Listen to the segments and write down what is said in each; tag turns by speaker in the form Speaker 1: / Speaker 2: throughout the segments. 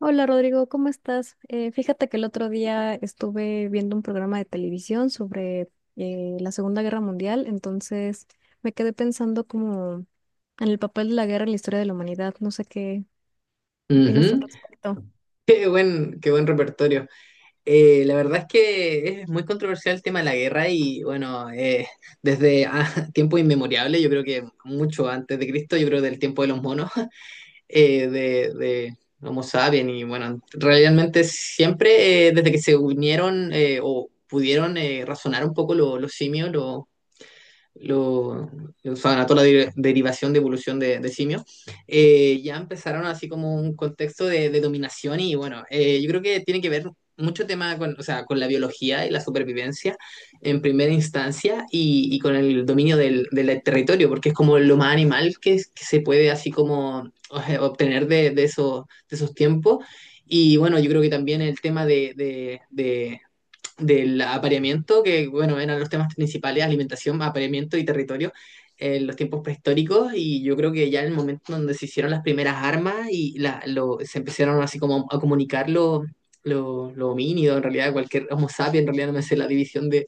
Speaker 1: Hola Rodrigo, ¿cómo estás? Fíjate que el otro día estuve viendo un programa de televisión sobre la Segunda Guerra Mundial. Entonces me quedé pensando como en el papel de la guerra en la historia de la humanidad. No sé qué,
Speaker 2: Ujú.
Speaker 1: qué opinas tú al respecto.
Speaker 2: Qué buen repertorio. La verdad es que es muy controversial el tema de la guerra y bueno, desde tiempo inmemoriable, yo creo que mucho antes de Cristo, yo creo del tiempo de los monos, de Homo sapiens y bueno, realmente siempre desde que se unieron o pudieron razonar un poco los simios, lo, o sea, ganó toda la derivación de evolución de simios, ya empezaron así como un contexto de dominación y bueno, yo creo que tiene que ver mucho tema con, o sea, con la biología y la supervivencia en primera instancia y con el dominio del territorio, porque es como lo más animal que, que se puede así como obtener de esos tiempos. Y bueno, yo creo que también el tema del apareamiento, que bueno, eran los temas principales: alimentación, apareamiento y territorio, en los tiempos prehistóricos, y yo creo que ya en el momento donde se hicieron las primeras armas y se empezaron así como a comunicar lo homínido, en realidad cualquier homo sapiens, en realidad no me sé la división de,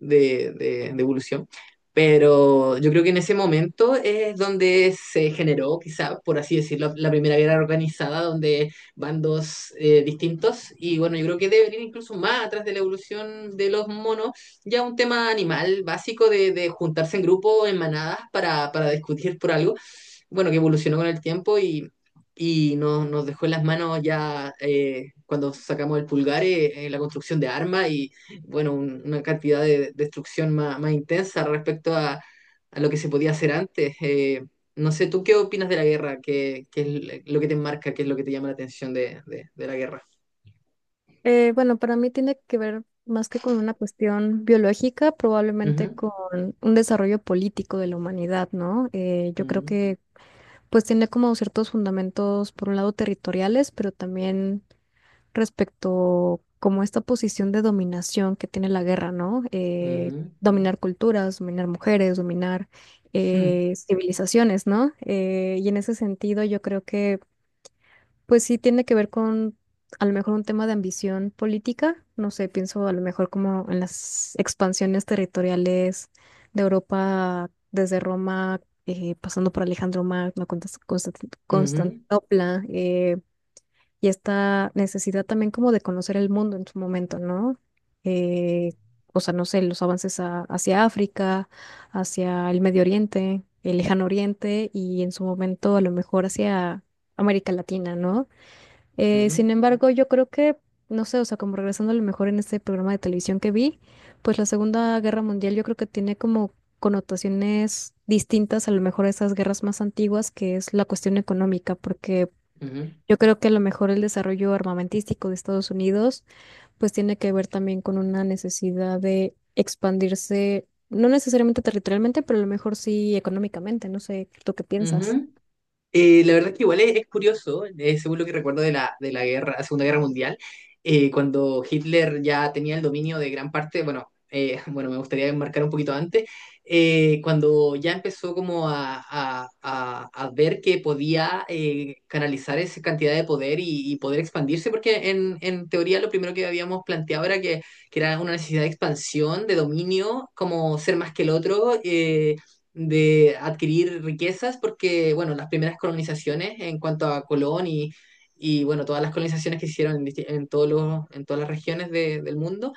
Speaker 2: de, de- de evolución. Pero yo creo que en ese momento es donde se generó, quizá, por así decirlo, la primera guerra organizada, donde bandos distintos. Y bueno, yo creo que debe venir incluso más atrás de la evolución de los monos, ya un tema animal básico de juntarse en grupo, en manadas, para discutir por algo bueno, que evolucionó con el tiempo y nos, nos dejó en las manos ya cuando sacamos el pulgar la construcción de armas y, bueno, una cantidad de destrucción más, más intensa respecto a lo que se podía hacer antes. No sé, ¿tú qué opinas de la guerra? ¿Qué es lo que te marca? ¿Qué es lo que te llama la atención de la guerra?
Speaker 1: Bueno, para mí tiene que ver más que con una cuestión biológica, probablemente
Speaker 2: Ujú,
Speaker 1: con un desarrollo político de la humanidad, ¿no? Yo creo
Speaker 2: ujú,
Speaker 1: que pues tiene como ciertos fundamentos, por un lado territoriales, pero también respecto como esta posición de dominación que tiene la guerra, ¿no? Dominar culturas, dominar mujeres, dominar civilizaciones, ¿no? Y en ese sentido yo creo que pues sí tiene que ver con a lo mejor un tema de ambición política, no sé, pienso a lo mejor como en las expansiones territoriales de Europa desde Roma, pasando por Alejandro Magno,
Speaker 2: ujú, ujú,
Speaker 1: Constantinopla, y esta necesidad también como de conocer el mundo en su momento, ¿no? Eh, o sea, no sé, los avances hacia África, hacia el Medio Oriente, el Lejano Oriente y en su momento a lo mejor hacia América Latina, ¿no?
Speaker 2: ujú,
Speaker 1: Sin embargo, yo creo que, no sé, o sea, como regresando a lo mejor en este programa de televisión que vi, pues la Segunda Guerra Mundial yo creo que tiene como connotaciones distintas a lo mejor a esas guerras más antiguas, que es la cuestión económica, porque
Speaker 2: ujú,
Speaker 1: yo creo que a lo mejor el desarrollo armamentístico de Estados Unidos pues tiene que ver también con una necesidad de expandirse, no necesariamente territorialmente, pero a lo mejor sí económicamente. No sé, ¿tú qué piensas?
Speaker 2: ujú. La verdad es que igual es curioso, según lo que recuerdo de la guerra, Segunda Guerra Mundial, cuando Hitler ya tenía el dominio de gran parte, bueno, bueno, me gustaría enmarcar un poquito antes, cuando ya empezó como a ver que podía canalizar esa cantidad de poder y poder expandirse, porque en teoría lo primero que habíamos planteado era que era una necesidad de expansión, de dominio, como ser más que el otro. De adquirir riquezas porque, bueno, las primeras colonizaciones en cuanto a Colón y bueno, todas las colonizaciones que se hicieron en, en todos los, en todas las regiones del mundo,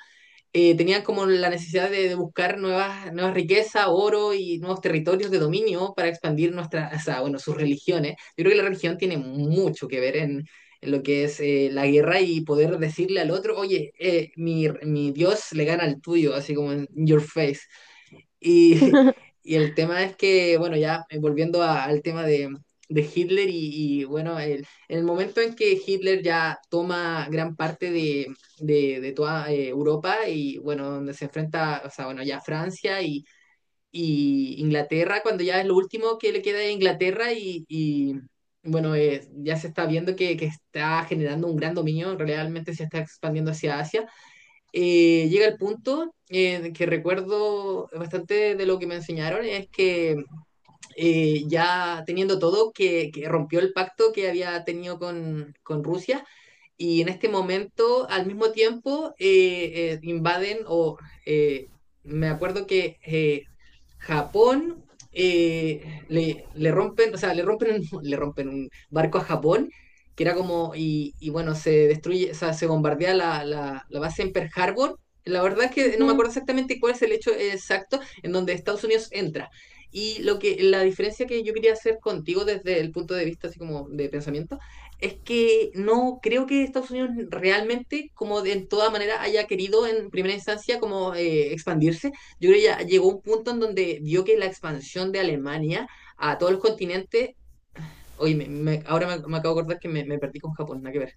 Speaker 2: tenían como la necesidad de buscar nuevas, nuevas riquezas, oro y nuevos territorios de dominio para expandir nuestras, o sea, bueno, sus religiones. Yo creo que la religión tiene mucho que ver en lo que es la guerra y poder decirle al otro: oye, mi Dios le gana al tuyo, así como en your face. Y y el tema es que, bueno, ya volviendo al tema de Hitler y, bueno, el, en el momento en que Hitler ya toma gran parte de toda Europa y, bueno, donde se enfrenta, o sea, bueno, ya Francia y Inglaterra, cuando ya es lo último que le queda a Inglaterra y, bueno, ya se está viendo que está generando un gran dominio, realmente se está expandiendo hacia Asia. Llega el punto que recuerdo bastante de lo que me enseñaron, es que ya teniendo todo, que rompió el pacto que había tenido con Rusia y en este momento, al mismo tiempo, invaden eh, me acuerdo que Japón rompen, o sea, le rompen, le rompen un barco a Japón, que era como, y bueno, se destruye, o sea, se bombardea la, la base en Pearl Harbor. La verdad es que no me acuerdo exactamente cuál es el hecho exacto en donde Estados Unidos entra. Y lo que, la diferencia que yo quería hacer contigo desde el punto de vista así como de pensamiento, es que no creo que Estados Unidos realmente, como de en toda manera, haya querido en primera instancia como expandirse. Yo creo que ya llegó un punto en donde vio que la expansión de Alemania a todos los continentes... oye, ahora me, me acabo de acordar que me perdí con Japón, nada que ver.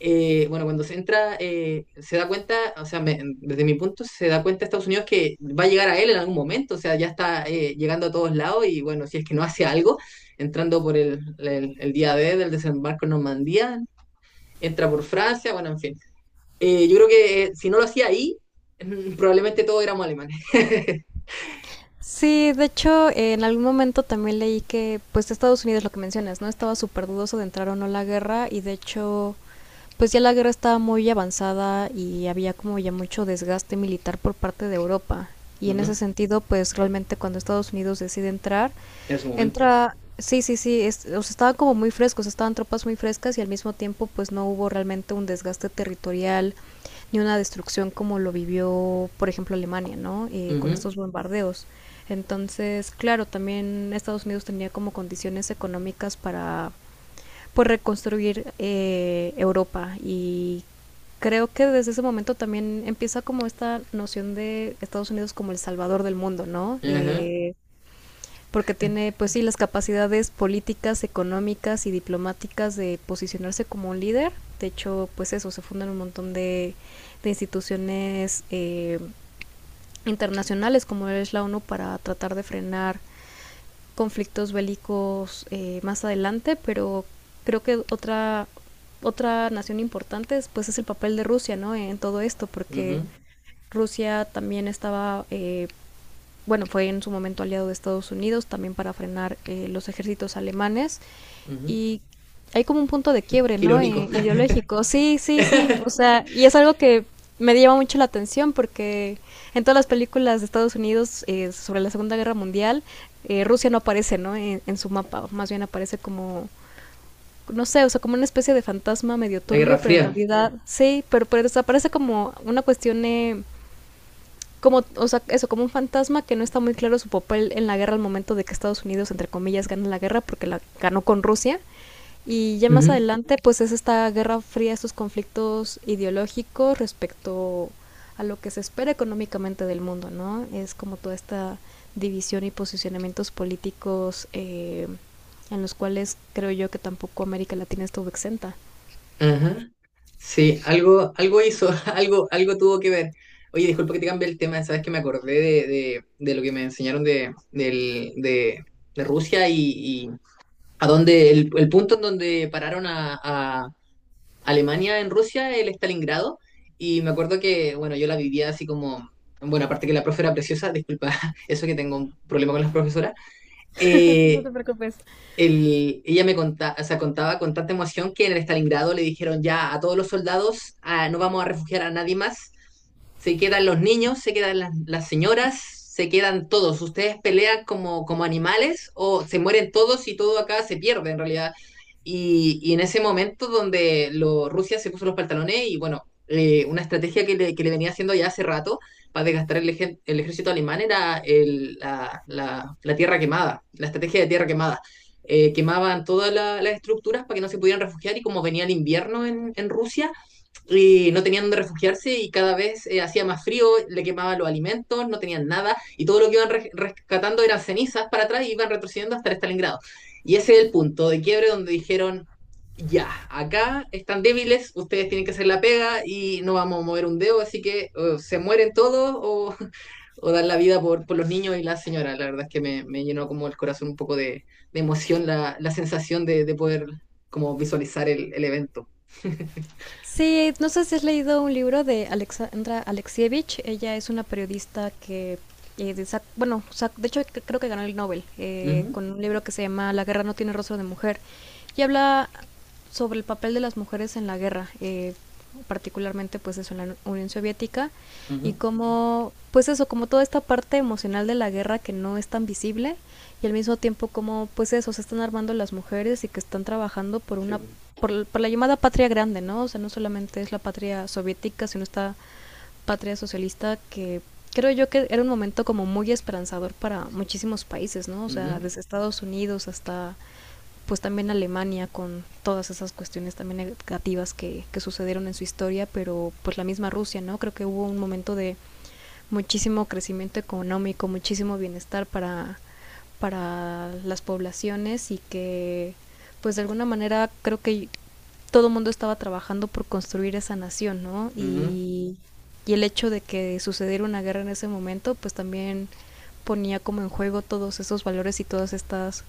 Speaker 2: Bueno, cuando se entra, se da cuenta, o sea, desde mi punto se da cuenta Estados Unidos que va a llegar a él en algún momento, o sea, ya está llegando a todos lados y bueno, si es que no hace algo, entrando por el día D del desembarco en Normandía, entra por Francia, bueno, en fin. Yo creo que si no lo hacía ahí, probablemente todos éramos alemanes.
Speaker 1: Sí, de hecho, en algún momento también leí que, pues, Estados Unidos, lo que mencionas, ¿no? Estaba súper dudoso de entrar o no a la guerra y, de hecho, pues ya la guerra estaba muy avanzada y había como ya mucho desgaste militar por parte de Europa. Y en ese
Speaker 2: Ujú.
Speaker 1: sentido, pues realmente cuando Estados Unidos decide entrar,
Speaker 2: En su momento.
Speaker 1: entra, sí, sí, sí, es, o sea, estaban como muy frescos, estaban tropas muy frescas y al mismo tiempo pues no hubo realmente un desgaste territorial ni una destrucción como lo vivió, por ejemplo, Alemania, ¿no? Con
Speaker 2: Ujú,
Speaker 1: estos bombardeos. Entonces, claro, también Estados Unidos tenía como condiciones económicas para por reconstruir Europa, y creo que desde ese momento también empieza como esta noción de Estados Unidos como el salvador del mundo, ¿no?
Speaker 2: ajá,
Speaker 1: Porque tiene, pues sí, las capacidades políticas, económicas y diplomáticas de posicionarse como un líder. De hecho, pues eso, se fundan un montón de instituciones internacionales como es la ONU para tratar de frenar conflictos bélicos más adelante, pero creo que otra, otra nación importante pues, es el papel de Rusia, ¿no? En todo esto,
Speaker 2: ujú,
Speaker 1: porque Rusia también estaba, bueno, fue en su momento aliado de Estados Unidos también para frenar los ejércitos alemanes,
Speaker 2: ujú.
Speaker 1: y hay como un punto de quiebre,
Speaker 2: Qué
Speaker 1: ¿no?
Speaker 2: irónico.
Speaker 1: Ideológico. Sí, sí, sí.
Speaker 2: La
Speaker 1: O sea, y es algo que me llama mucho la atención porque en todas las películas de Estados Unidos sobre la Segunda Guerra Mundial, Rusia no aparece, ¿no? En su mapa, o más bien aparece como, no sé, o sea, como una especie de fantasma medio
Speaker 2: Guerra
Speaker 1: turbio, pero en
Speaker 2: Fría.
Speaker 1: realidad sí, pero desaparece como una cuestión, como, o sea, eso, como un fantasma que no está muy claro su papel en la guerra al momento de que Estados Unidos, entre comillas, gana la guerra porque la ganó con Rusia. Y ya más
Speaker 2: Ujú,
Speaker 1: adelante, pues es esta guerra fría, estos conflictos ideológicos respecto a lo que se espera económicamente del mundo, ¿no? Es como toda esta división y posicionamientos políticos en los cuales creo yo que tampoco América Latina estuvo exenta.
Speaker 2: ajá. Sí, algo, algo hizo, algo, algo tuvo que ver. Oye, disculpa que te cambie el tema, sabes que me acordé de, de lo que me enseñaron de, de Rusia y a donde el punto en donde pararon a Alemania en Rusia, el Stalingrado, y me acuerdo que, bueno, yo la vivía así como, bueno, aparte que la profe era preciosa, disculpa, eso que tengo un problema con las profesoras.
Speaker 1: No
Speaker 2: eh,
Speaker 1: te preocupes.
Speaker 2: Ella me contaba, o sea, contaba con tanta emoción que en el Stalingrado le dijeron ya a todos los soldados: ah, no vamos a refugiar a nadie más, se quedan los niños, se quedan las señoras, se quedan todos. Ustedes pelean como, como animales o se mueren todos y todo acá se pierde en realidad. Y en ese momento donde Rusia se puso los pantalones y bueno, una estrategia que le venía haciendo ya hace rato para desgastar el, el ejército alemán era la tierra quemada, la estrategia de tierra quemada. Quemaban todas las estructuras para que no se pudieran refugiar y como venía el invierno en Rusia, y no tenían donde refugiarse y cada vez hacía más frío, le quemaban los alimentos, no tenían nada y todo lo que iban rescatando eran cenizas para atrás y iban retrocediendo hasta el Stalingrado. Y ese es el punto de quiebre donde dijeron, ya, acá están débiles, ustedes tienen que hacer la pega y no vamos a mover un dedo, así que se mueren todos o dar la vida por los niños y la señora. La verdad es que me llenó como el corazón un poco de emoción la, la sensación de poder como visualizar el evento.
Speaker 1: Sí, no sé si has leído un libro de Alexandra Alexievich. Ella es una periodista que, bueno, de hecho creo que ganó el Nobel
Speaker 2: Ujú,
Speaker 1: con un libro que se llama La guerra no tiene rostro de mujer. Y habla sobre el papel de las mujeres en la guerra, particularmente pues eso en la Unión Soviética y
Speaker 2: ujú,
Speaker 1: cómo, pues eso, como toda esta parte emocional de la guerra que no es tan visible y al mismo tiempo como, pues eso, se están armando las mujeres y que están trabajando por
Speaker 2: sí,
Speaker 1: una,
Speaker 2: po.
Speaker 1: por la llamada patria grande, ¿no? O sea, no solamente es la patria soviética, sino esta patria socialista que creo yo que era un momento como muy esperanzador para muchísimos países, ¿no? O sea,
Speaker 2: Ujú,
Speaker 1: desde Estados Unidos hasta pues también Alemania con todas esas cuestiones también negativas que sucedieron en su historia, pero pues la misma Rusia, ¿no? Creo que hubo un momento de muchísimo crecimiento económico, muchísimo bienestar para las poblaciones y que pues de alguna manera creo que todo el mundo estaba trabajando por construir esa nación, ¿no?
Speaker 2: ujú.
Speaker 1: Y el hecho de que sucediera una guerra en ese momento pues también ponía como en juego todos esos valores y todas estas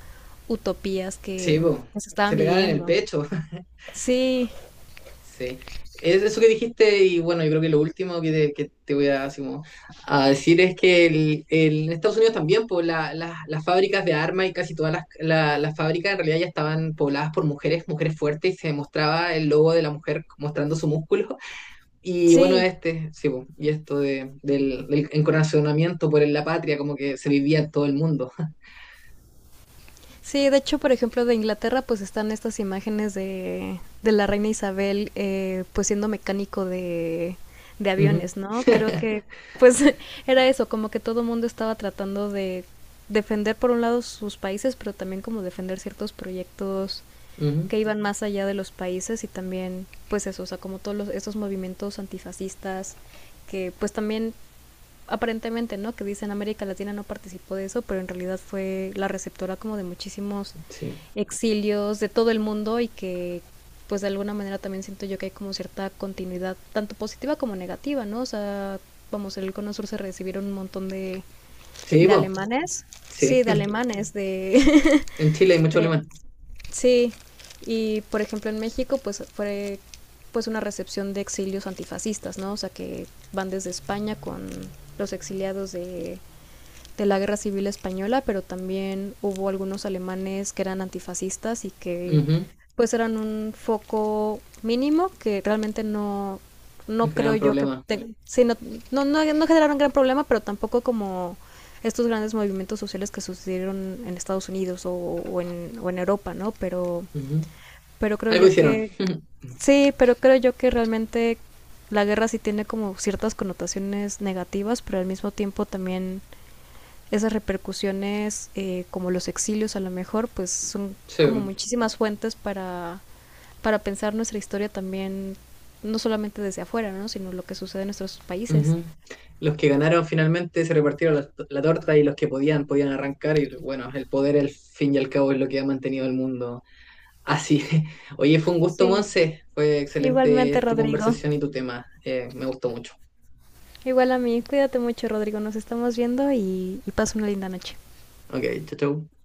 Speaker 1: utopías
Speaker 2: Sí,
Speaker 1: que
Speaker 2: po.
Speaker 1: se
Speaker 2: Se
Speaker 1: estaban
Speaker 2: pegaban en el
Speaker 1: viviendo.
Speaker 2: pecho.
Speaker 1: Sí,
Speaker 2: Sí, es eso que dijiste y bueno, yo creo que lo último que te voy a, así como, a decir es que en Estados Unidos también pues, las fábricas de armas y casi todas las, las fábricas en realidad ya estaban pobladas por mujeres, mujeres fuertes y se mostraba el logo de la mujer mostrando su músculo. Y bueno,
Speaker 1: sí,
Speaker 2: este, sí, pues, y esto de, del, del encorazonamiento por la patria como que se vivía en todo el mundo.
Speaker 1: sí, de hecho, por ejemplo, de Inglaterra, pues están estas imágenes de la reina Isabel, pues siendo mecánico de
Speaker 2: Ujú,
Speaker 1: aviones, ¿no? Creo que, pues, era eso, como que todo el mundo estaba tratando de defender, por un lado, sus países, pero también como defender ciertos proyectos que
Speaker 2: ujú,
Speaker 1: iban más allá de los países y también, pues eso, o sea, como todos los, esos movimientos antifascistas que, pues también aparentemente, ¿no? Que dicen América Latina no participó de eso, pero en realidad fue la receptora como de muchísimos
Speaker 2: sí,
Speaker 1: exilios de todo el mundo y que pues de alguna manera también siento yo que hay como cierta continuidad, tanto positiva como negativa, ¿no? O sea, vamos, en el Cono Sur se recibieron un montón
Speaker 2: sí,
Speaker 1: de
Speaker 2: pues,
Speaker 1: alemanes,
Speaker 2: sí,
Speaker 1: sí, de alemanes, de,
Speaker 2: en Chile hay mucho
Speaker 1: de,
Speaker 2: alemán.
Speaker 1: sí, y por ejemplo en México pues fue pues una recepción de exilios antifascistas, ¿no? O sea que van desde España con los exiliados de la Guerra Civil Española, pero también hubo algunos alemanes que eran antifascistas y que
Speaker 2: Ujú,
Speaker 1: pues eran un foco mínimo que realmente no, no
Speaker 2: nos
Speaker 1: creo
Speaker 2: generan
Speaker 1: yo que
Speaker 2: problemas.
Speaker 1: sí, no, no, no, no generaron gran problema, pero tampoco como estos grandes movimientos sociales que sucedieron en Estados Unidos o en Europa, ¿no?
Speaker 2: Ujú.
Speaker 1: Pero creo
Speaker 2: Algo
Speaker 1: yo
Speaker 2: hicieron.
Speaker 1: que, sí, pero creo yo que realmente la guerra sí tiene como ciertas connotaciones negativas, pero al mismo tiempo también esas repercusiones, como los exilios a lo mejor, pues son como
Speaker 2: Sí.
Speaker 1: muchísimas fuentes para pensar nuestra historia también, no solamente desde afuera, ¿no? Sino lo que sucede en nuestros países.
Speaker 2: Ujú. Los que ganaron finalmente se repartieron la, la torta y los que podían, podían arrancar. Y bueno, el poder, al fin y al cabo, es lo que ha mantenido el mundo así. Oye, fue un gusto,
Speaker 1: Sí,
Speaker 2: Monse. Fue
Speaker 1: igualmente
Speaker 2: excelente tu
Speaker 1: Rodrigo.
Speaker 2: conversación y tu tema. Me gustó mucho.
Speaker 1: Igual a mí, cuídate mucho Rodrigo, nos estamos viendo y pasa una linda noche.
Speaker 2: Ok, chau, chau.